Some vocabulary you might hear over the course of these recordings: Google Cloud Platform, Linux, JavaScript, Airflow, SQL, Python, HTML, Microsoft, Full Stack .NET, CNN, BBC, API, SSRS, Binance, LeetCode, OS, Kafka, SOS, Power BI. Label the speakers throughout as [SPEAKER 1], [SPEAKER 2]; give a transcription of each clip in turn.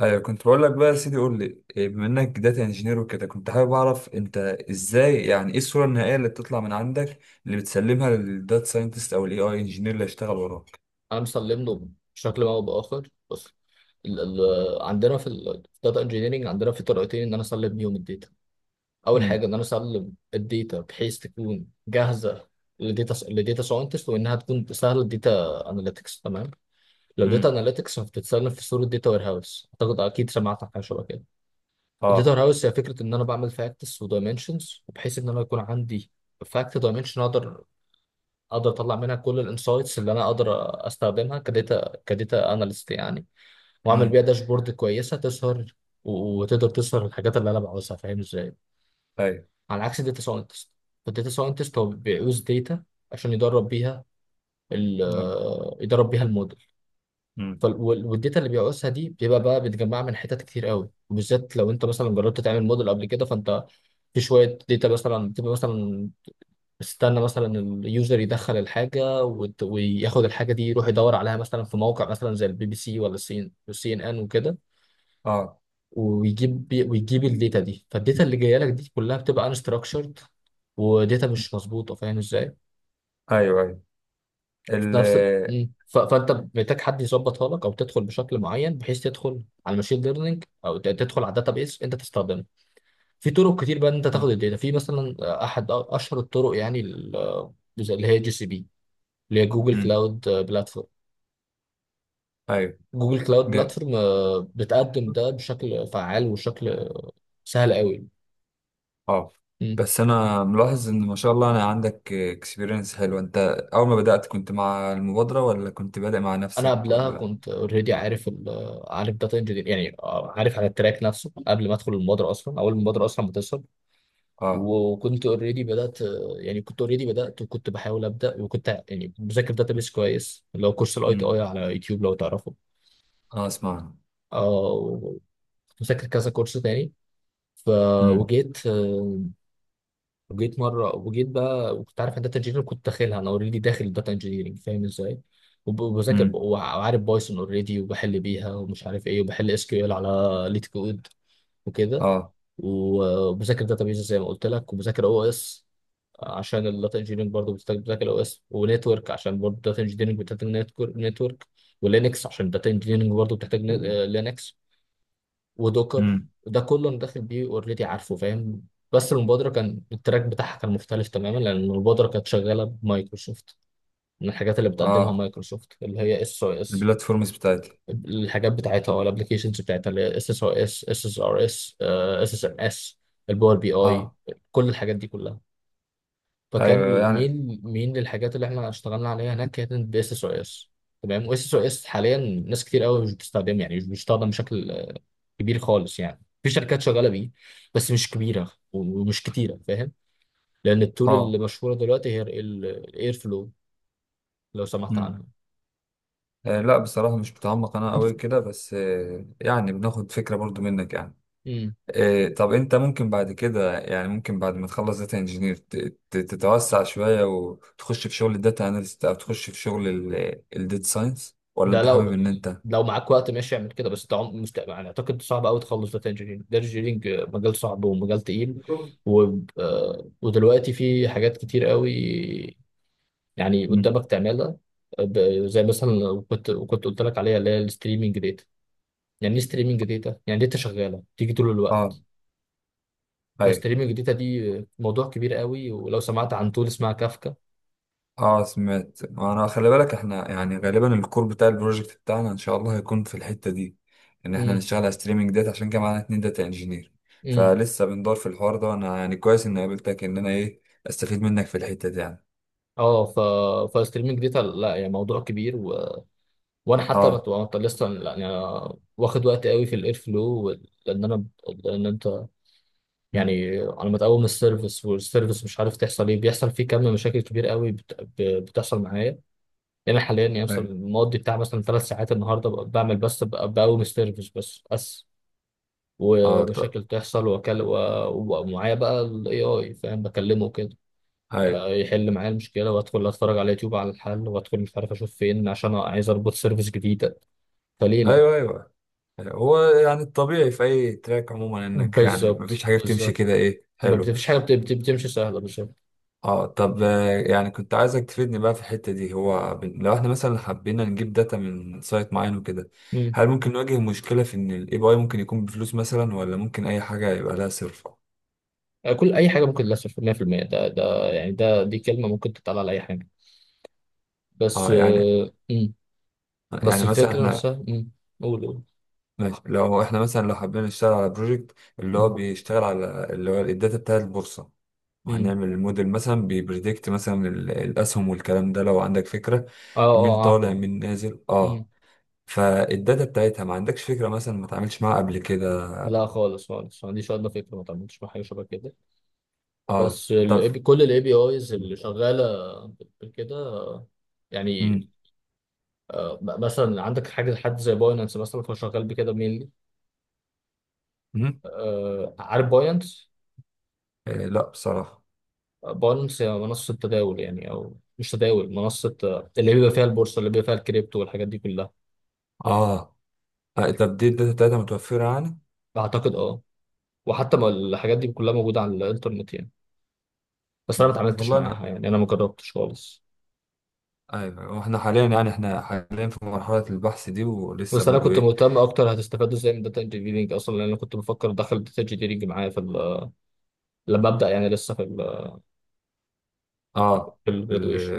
[SPEAKER 1] ايوه، كنت بقول لك بقى يا سيدي، قول لي إيه، بما انك داتا انجينير وكده كنت حابب اعرف انت ازاي، يعني ايه الصوره النهائيه اللي بتطلع من عندك، اللي بتسلمها للداتا ساينتست او الاي اي انجينير اللي هيشتغل وراك؟
[SPEAKER 2] انا مسلم له بشكل ما او باخر. بس ال عندنا في الداتا انجينيرنج عندنا في طريقتين ان انا اسلم بيهم الداتا. اول
[SPEAKER 1] امم.
[SPEAKER 2] حاجه ان انا اسلم الداتا بحيث تكون جاهزه لداتا ساينتست وانها تكون سهله الداتا اناليتكس تمام. لو داتا
[SPEAKER 1] امم.
[SPEAKER 2] اناليتكس فبتتسلم في صوره داتا وير هاوس، اعتقد اكيد سمعت عن حاجه شبه كده. الداتا وير
[SPEAKER 1] اه.
[SPEAKER 2] هاوس هي فكره ان انا بعمل فاكتس ودايمنشنز وبحيث ان انا يكون عندي فاكت دايمنشن اقدر اطلع منها كل الانسايتس اللي انا اقدر استخدمها كداتا اناليست يعني، واعمل بيها
[SPEAKER 1] امم.
[SPEAKER 2] داشبورد كويسه تظهر وتقدر تظهر الحاجات اللي انا بعوزها، فاهم ازاي؟
[SPEAKER 1] ايوه.
[SPEAKER 2] على عكس الداتا ساينتست، الداتا ساينتست هو بيعوز داتا عشان يدرب بيها ال
[SPEAKER 1] امم.
[SPEAKER 2] يدرب بيها الموديل. والداتا اللي بيعوزها دي بيبقى بقى بيتجمعها من حتت كتير قوي، وبالذات لو انت مثلا جربت تعمل موديل قبل كده فانت في شويه داتا مثلا بتبقى مثلا استنى مثلا اليوزر يدخل الحاجه وياخد الحاجه دي يروح يدور عليها مثلا في موقع مثلا زي البي بي سي ولا السي والسي ان ان وكده،
[SPEAKER 1] اه.
[SPEAKER 2] ويجيب الداتا دي. فالداتا اللي جايه لك دي كلها بتبقى انستراكشرد وداتا
[SPEAKER 1] مم.
[SPEAKER 2] مش مظبوطه، فاهم ازاي؟
[SPEAKER 1] آه. ايوه، ايوه.
[SPEAKER 2] في
[SPEAKER 1] ال
[SPEAKER 2] نفس ال... مم. ف... فانت محتاج حد يظبطها لك او تدخل بشكل معين بحيث تدخل على الماشين ليرنينج او تدخل على الداتا بيس انت تستخدمها. في طرق كتير بقى ان انت
[SPEAKER 1] آه،
[SPEAKER 2] تاخد الداتا، في مثلا احد اشهر الطرق يعني اللي هي جي سي بي لجوجل
[SPEAKER 1] امم.
[SPEAKER 2] كلاود بلاتفورم.
[SPEAKER 1] ايوه.
[SPEAKER 2] جوجل كلاود
[SPEAKER 1] جا-
[SPEAKER 2] بلاتفورم بتقدم ده بشكل فعال وشكل سهل قوي.
[SPEAKER 1] اه.
[SPEAKER 2] مم.
[SPEAKER 1] بس انا ملاحظ ان ما شاء الله انا عندك اكسبيرينس حلو. انت اول ما بدأت كنت مع المبادرة ولا كنت بادئ مع
[SPEAKER 2] انا
[SPEAKER 1] نفسك
[SPEAKER 2] قبلها
[SPEAKER 1] ولا؟
[SPEAKER 2] كنت اوريدي عارف عارف داتا انجينير يعني، عارف على التراك نفسه قبل ما ادخل المبادره اصلا، اول المبادره اصلا ما تظهر.
[SPEAKER 1] اه.
[SPEAKER 2] وكنت اوريدي بدات، يعني كنت اوريدي بدات وكنت بحاول ابدا، وكنت يعني بذاكر داتابيس كويس اللي هو كورس الاي تي
[SPEAKER 1] امم.
[SPEAKER 2] اي على يوتيوب، لو تعرفه.
[SPEAKER 1] اه، اسمع.
[SPEAKER 2] اه. وكنت بذاكر كذا كورس تاني، ف
[SPEAKER 1] امم.
[SPEAKER 2] وجيت آه، وجيت مره وجيت بقى، وكنت عارف ان داتا انجينير، كنت داخلها انا اوريدي داخل داتا انجينيرنج فاهم ازاي، وبذاكر
[SPEAKER 1] امم.
[SPEAKER 2] وعارف بايثون اوريدي وبحل بيها ومش عارف ايه، وبحل اس كيو ال على ليت كود وكده،
[SPEAKER 1] اه.
[SPEAKER 2] وبذاكر داتابيز زي ما قلت لك، وبذاكر او اس عشان الداتا انجينيرنج برضه بتذاكر او اس، ونتورك عشان برضه الداتا انجينيرنج بتحتاج نتورك، ولينكس عشان الداتا انجينيرنج برضه بتحتاج لينكس، ودوكر.
[SPEAKER 1] امم.
[SPEAKER 2] ده كله انا داخل بيه اوريدي عارفه فاهم. بس المبادره كان التراك بتاعها كان مختلف تماما، لان المبادره كانت شغاله بمايكروسوفت. من الحاجات اللي بتقدمها
[SPEAKER 1] اه.
[SPEAKER 2] مايكروسوفت اللي هي اس او اس،
[SPEAKER 1] البلاتفورمز بتاعتي.
[SPEAKER 2] الحاجات بتاعتها او الابلكيشنز بتاعتها اللي هي اس اس او اس، اس اس ار اس، اس اس ام اس، الباور بي اي،
[SPEAKER 1] اه.
[SPEAKER 2] كل الحاجات دي كلها. فكان
[SPEAKER 1] ايوه، أيوة، يعني.
[SPEAKER 2] مين للحاجات اللي احنا اشتغلنا عليها هناك كانت باس اس او اس. تمام. واس اس او اس حاليا ناس كتير قوي مش بتستخدمه، يعني مش بيستخدم بشكل كبير خالص. يعني في شركات شغاله بيه بس مش كبيره ومش كتيره فاهم. لان التول
[SPEAKER 1] اه.
[SPEAKER 2] اللي مشهوره دلوقتي هي الاير فلو، لو سمحت
[SPEAKER 1] امم.
[SPEAKER 2] عنها.
[SPEAKER 1] آه، لا بصراحة مش متعمق انا قوي كده، بس آه يعني بناخد فكرة برضو منك يعني.
[SPEAKER 2] امم
[SPEAKER 1] آه، طب انت ممكن بعد كده، يعني ممكن بعد ما تخلص داتا انجينير تتوسع شوية وتخش في شغل الداتا اناليست، او تخش في شغل الداتا ساينس، ولا
[SPEAKER 2] ده
[SPEAKER 1] انت حابب
[SPEAKER 2] لو
[SPEAKER 1] ان انت.
[SPEAKER 2] لو معاك وقت ماشي اعمل كده، بس ده يعني اعتقد صعب قوي تخلص داتا انجينيرنج. داتا انجينيرنج مجال صعب ومجال تقيل، و... آه، ودلوقتي في حاجات كتير قوي يعني
[SPEAKER 1] مم.
[SPEAKER 2] قدامك تعملها، زي مثلا لو كنت قلت لك عليها اللي هي الستريمنج داتا. يعني ايه ستريمنج داتا؟ يعني داتا شغاله تيجي طول
[SPEAKER 1] اه.
[SPEAKER 2] الوقت.
[SPEAKER 1] ايوه.
[SPEAKER 2] فستريمنج داتا دي موضوع كبير قوي، ولو سمعت عن تول اسمها كافكا.
[SPEAKER 1] اه سمعت. انا خلي بالك احنا يعني غالبا الكور بتاع البروجكت بتاعنا ان شاء الله هيكون في الحته دي، ان احنا
[SPEAKER 2] امم
[SPEAKER 1] نشتغل على ستريمنج ديت، عشان كده معانا اتنين داتا انجينير.
[SPEAKER 2] امم
[SPEAKER 1] فلسه بندور في الحوار ده، وانا يعني كويس اني قابلتك ان انا ايه، استفيد منك في الحته دي يعني.
[SPEAKER 2] اه. فالستريمنج داتا، لا يعني موضوع كبير
[SPEAKER 1] اه.
[SPEAKER 2] وأنا لسه يعني أنا واخد وقت قوي في الاير فلو لان انت
[SPEAKER 1] امم.
[SPEAKER 2] يعني على ما تقوم السيرفيس والسيرفيس، مش عارف تحصل ايه، بيحصل فيه كم مشاكل كبير قوي بتحصل معايا. يعني أنا حاليا يعني
[SPEAKER 1] ايوه.
[SPEAKER 2] مثلا مقضي بتاع مثلا 3 ساعات النهارده بعمل بس بقوم سيرفيس بس بس.
[SPEAKER 1] اه، طب.
[SPEAKER 2] ومشاكل تحصل، واكلم ومعايا بقى الاي اي فاهم، بكلمه كده
[SPEAKER 1] ايوه
[SPEAKER 2] يحل معايا المشكله. وادخل اتفرج على يوتيوب على الحل، وادخل مش عارف اشوف فين عشان عايز اربط سيرفيس جديده، فليه لا؟
[SPEAKER 1] ايوه. ايوه، هو يعني الطبيعي في اي تراك عموما، انك يعني
[SPEAKER 2] بالظبط
[SPEAKER 1] مفيش حاجه بتمشي
[SPEAKER 2] بالظبط،
[SPEAKER 1] كده ايه
[SPEAKER 2] ما
[SPEAKER 1] حلو.
[SPEAKER 2] بتفيش حاجه بتمشي سهله بالظبط.
[SPEAKER 1] اه، طب آه، يعني كنت عايزك تفيدني بقى في الحتة دي. هو لو احنا مثلا حبينا نجيب داتا من سايت معين وكده،
[SPEAKER 2] مم.
[SPEAKER 1] هل ممكن نواجه مشكلة في ان الاي بي اي ممكن يكون بفلوس مثلا، ولا ممكن اي حاجة يبقى لها صرف؟
[SPEAKER 2] كل اي حاجه ممكن للاسف 100%. ده يعني دي كلمه ممكن تتقال على اي حاجه، بس
[SPEAKER 1] اه يعني.
[SPEAKER 2] بس
[SPEAKER 1] يعني مثلا
[SPEAKER 2] الفكره
[SPEAKER 1] احنا.
[SPEAKER 2] نفسها. مم. قول.
[SPEAKER 1] ماشي، لو احنا مثلا لو حبينا نشتغل على بروجكت اللي هو
[SPEAKER 2] قول.
[SPEAKER 1] بيشتغل على اللي هو الداتا بتاع البورصة،
[SPEAKER 2] امم
[SPEAKER 1] وهنعمل الموديل مثلا بيبريدكت مثلا الاسهم والكلام ده، لو عندك فكرة
[SPEAKER 2] اه
[SPEAKER 1] مين
[SPEAKER 2] اه،
[SPEAKER 1] طالع
[SPEAKER 2] عارفه.
[SPEAKER 1] مين نازل
[SPEAKER 2] امم
[SPEAKER 1] اه. فالداتا بتاعتها ما عندكش فكرة مثلا، ما تعملش معاها قبل كده.
[SPEAKER 2] لا، خالص خالص ما عنديش ادنى فكره، ما تعملتش مع حاجه شبه كده.
[SPEAKER 1] اه،
[SPEAKER 2] بس ال
[SPEAKER 1] طب.
[SPEAKER 2] API، كل الاي بي ايز اللي شغاله بكده
[SPEAKER 1] مم.
[SPEAKER 2] يعني مثلا عندك حد زي باينانس مثلا، هو شغال بكده مينلي.
[SPEAKER 1] مم.
[SPEAKER 2] آه، عارف باينانس؟
[SPEAKER 1] آه لا بصراحة.
[SPEAKER 2] باينانس هي منصه تداول يعني، او مش تداول، منصه اللي بيبقى فيها البورصه، اللي بيبقى فيها الكريبتو والحاجات دي كلها.
[SPEAKER 1] اه. آه، طب دي الداتا بتاعتها متوفرة يعني؟
[SPEAKER 2] اعتقد اه. وحتى ما الحاجات دي كلها موجوده على الانترنت يعني، بس انا
[SPEAKER 1] مم.
[SPEAKER 2] ما اتعاملتش
[SPEAKER 1] والله
[SPEAKER 2] معاها
[SPEAKER 1] انا،
[SPEAKER 2] يعني، انا ما جربتش خالص.
[SPEAKER 1] ايوه، واحنا حاليا يعني احنا حاليا في مرحلة البحث دي، ولسه
[SPEAKER 2] بس انا
[SPEAKER 1] برضو
[SPEAKER 2] كنت
[SPEAKER 1] ايه.
[SPEAKER 2] مهتم اكتر هتستفادوا ازاي من داتا انجينيرنج اصلا، لان انا كنت بفكر ادخل داتا انجينيرنج معايا في لما ابدا يعني، لسه
[SPEAKER 1] اه.
[SPEAKER 2] في
[SPEAKER 1] في ال.
[SPEAKER 2] الجرادويشن.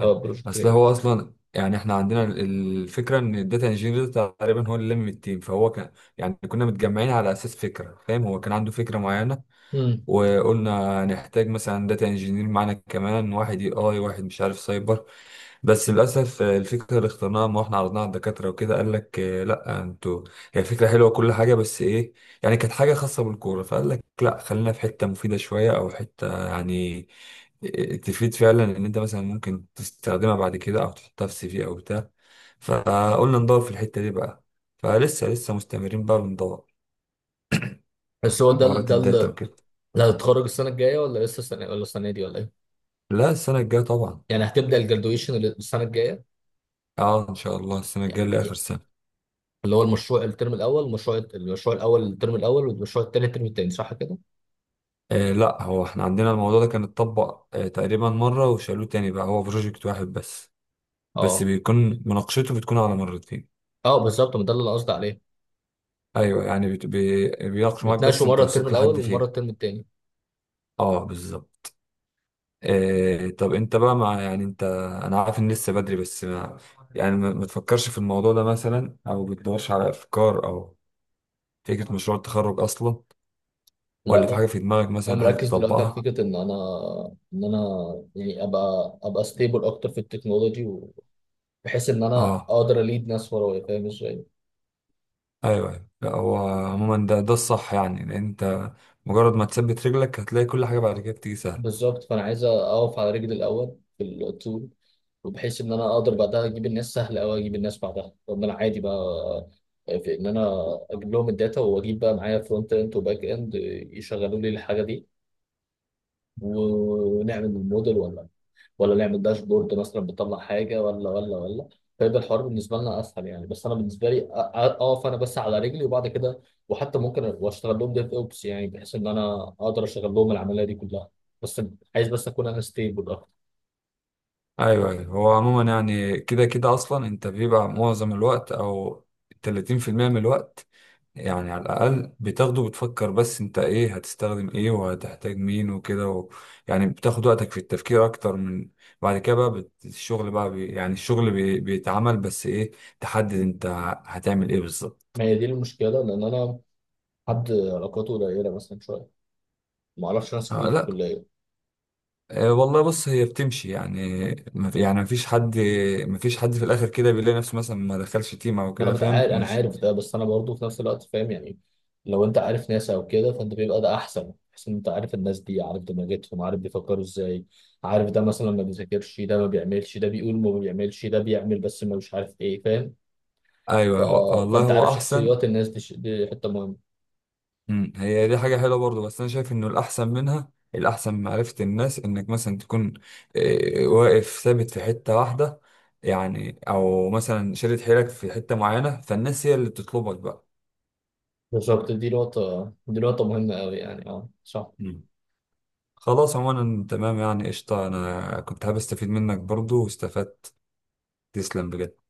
[SPEAKER 2] اه،
[SPEAKER 1] آه.
[SPEAKER 2] بروجكت
[SPEAKER 1] اصل هو
[SPEAKER 2] جرادويشن.
[SPEAKER 1] اصلا يعني احنا عندنا الفكرة ان الداتا انجينير تقريبا هو اللي لم التيم، فهو كان يعني كنا متجمعين على اساس فكرة فاهم، هو كان عنده فكرة معينة،
[SPEAKER 2] امم
[SPEAKER 1] وقلنا هنحتاج مثلا داتا انجينير معانا كمان، واحد اي اي، واحد مش عارف سايبر. بس للاسف آه، الفكره اللي اخترناها ما احنا عرضناها على الدكاتره وكده، قال لك آه، لا انتوا هي فكره حلوه كل حاجه، بس ايه، يعني كانت حاجه خاصه بالكوره، فقال لك لا خلينا في حته مفيده شويه، او حته يعني آه، تفيد فعلا ان انت مثلا ممكن تستخدمها بعد كده، او تحطها في سي في او بتاع. فقلنا ندور في الحته دي بقى، فلسه لسه مستمرين بقى بندور
[SPEAKER 2] بس هو
[SPEAKER 1] حوارات الداتا وكده.
[SPEAKER 2] ده هتتخرج السنه الجايه ولا لسه، السنه ولا السنه دي ولا ايه؟
[SPEAKER 1] لا، السنه الجايه طبعا.
[SPEAKER 2] يعني هتبدا الجرادويشن السنه الجايه،
[SPEAKER 1] اه ان شاء الله السنه الجايه، اللي اخر سنه.
[SPEAKER 2] اللي هو المشروع الترم الاول، المشروع الاول الترم الاول والمشروع التاني الترم التاني، صح كده؟
[SPEAKER 1] آه لا، هو احنا عندنا الموضوع ده كان اتطبق آه تقريبا مره وشالوه تاني، بقى هو بروجكت واحد بس، بس
[SPEAKER 2] اه
[SPEAKER 1] بيكون مناقشته بتكون على مرتين.
[SPEAKER 2] اه بالظبط، ما ده اللي انا قصدي عليه.
[SPEAKER 1] ايوه، يعني بيناقش معاك بس
[SPEAKER 2] بتناقشوا
[SPEAKER 1] انت
[SPEAKER 2] مره الترم
[SPEAKER 1] وصلت
[SPEAKER 2] الاول
[SPEAKER 1] لحد
[SPEAKER 2] ومره
[SPEAKER 1] فين.
[SPEAKER 2] الترم التاني.
[SPEAKER 1] اه بالظبط. آه، طب انت بقى مع، يعني انت. انا عارف ان لسه بدري، بس ما. يعني ما. ما تفكرش في الموضوع ده مثلا، او بتدورش على افكار، او فكره مشروع التخرج اصلا، ولا في
[SPEAKER 2] لا،
[SPEAKER 1] حاجه في دماغك
[SPEAKER 2] انا
[SPEAKER 1] مثلا حابب
[SPEAKER 2] مركز دلوقتي على
[SPEAKER 1] تطبقها؟
[SPEAKER 2] فكره ان انا ان انا يعني ابقى ستيبل اكتر في التكنولوجي، بحيث ان انا
[SPEAKER 1] اه،
[SPEAKER 2] اقدر اليد ناس ورايا، فاهم ازاي؟
[SPEAKER 1] ايوه ايوه. لا هو عموما ده الصح يعني، لان انت مجرد ما تثبت رجلك هتلاقي كل حاجه بعد كده بتيجي سهله.
[SPEAKER 2] بالظبط. فانا عايز اقف على رجلي الاول في الطول، وبحيث ان انا اقدر بعدها اجيب الناس سهل قوي. اجيب الناس بعدها، طب انا عادي بقى في ان انا اجيب لهم الداتا، واجيب بقى معايا فرونت اند وباك اند يشغلوا لي الحاجه دي، ونعمل الموديل، ولا نعمل داشبورد مثلا بتطلع حاجه، ولا ولا ولا. فيبقى الحوار بالنسبه لنا اسهل يعني. بس انا بالنسبه لي، اقف انا بس على رجلي وبعد كده، وحتى ممكن واشتغل لهم ديف اوبس يعني، بحيث ان انا اقدر اشغل لهم العمليه دي كلها. بس عايز بس اكون انا ستيبل اكتر.
[SPEAKER 1] ايوه ايوه. هو عموما يعني كده كده اصلا انت بيبقى معظم الوقت، او 30% من الوقت يعني على الاقل بتاخده، بتفكر بس انت ايه هتستخدم، ايه وهتحتاج مين، وكده و. يعني بتاخد وقتك في التفكير اكتر من بعد كده بقى الشغل بقى يعني الشغل بيتعمل، بس ايه تحدد انت هتعمل ايه بالظبط.
[SPEAKER 2] ما هي دي المشكله، لان انا حد علاقاته قليله مثلا شويه، ما اعرفش ناس كتير
[SPEAKER 1] آه
[SPEAKER 2] في
[SPEAKER 1] لا.
[SPEAKER 2] الكليه.
[SPEAKER 1] أه، والله بص، هي بتمشي يعني، ما في- يعني مفيش حد، مفيش حد في الاخر كده بيلاقي نفسه مثلا ما دخلش تيم او
[SPEAKER 2] ما انا
[SPEAKER 1] كده فاهم
[SPEAKER 2] متعارف انا
[SPEAKER 1] مش.
[SPEAKER 2] عارف ده، بس انا برضه في نفس الوقت فاهم يعني، لو انت عارف ناس او كده فانت بيبقى ده احسن، بحيث ان انت عارف الناس دي، عارف دماغتهم، عارف بيفكروا ازاي، عارف ده مثلا ما بيذاكرش، ده ما بيعملش، ده بيقول ما بيعملش، ده بيعمل بس ما مش عارف ايه فاهم. ف...
[SPEAKER 1] ايوه، والله
[SPEAKER 2] فانت عارف
[SPEAKER 1] هو احسن.
[SPEAKER 2] شخصيات الناس دي، دي حته مهمه.
[SPEAKER 1] مم، هي دي حاجه حلوه برضه، بس انا شايف انه الاحسن منها، الاحسن معرفه الناس انك مثلا تكون أه، واقف ثابت في حته واحده، يعني او مثلا شادد حيلك في حته معينه، فالناس هي اللي بتطلبك بقى.
[SPEAKER 2] بالظبط، دي نقطه مهمه قوي يعني، اه صح.
[SPEAKER 1] مم. خلاص عموما تمام يعني، قشطه، انا كنت حابب استفيد منك برضه واستفدت. تسلم بجد.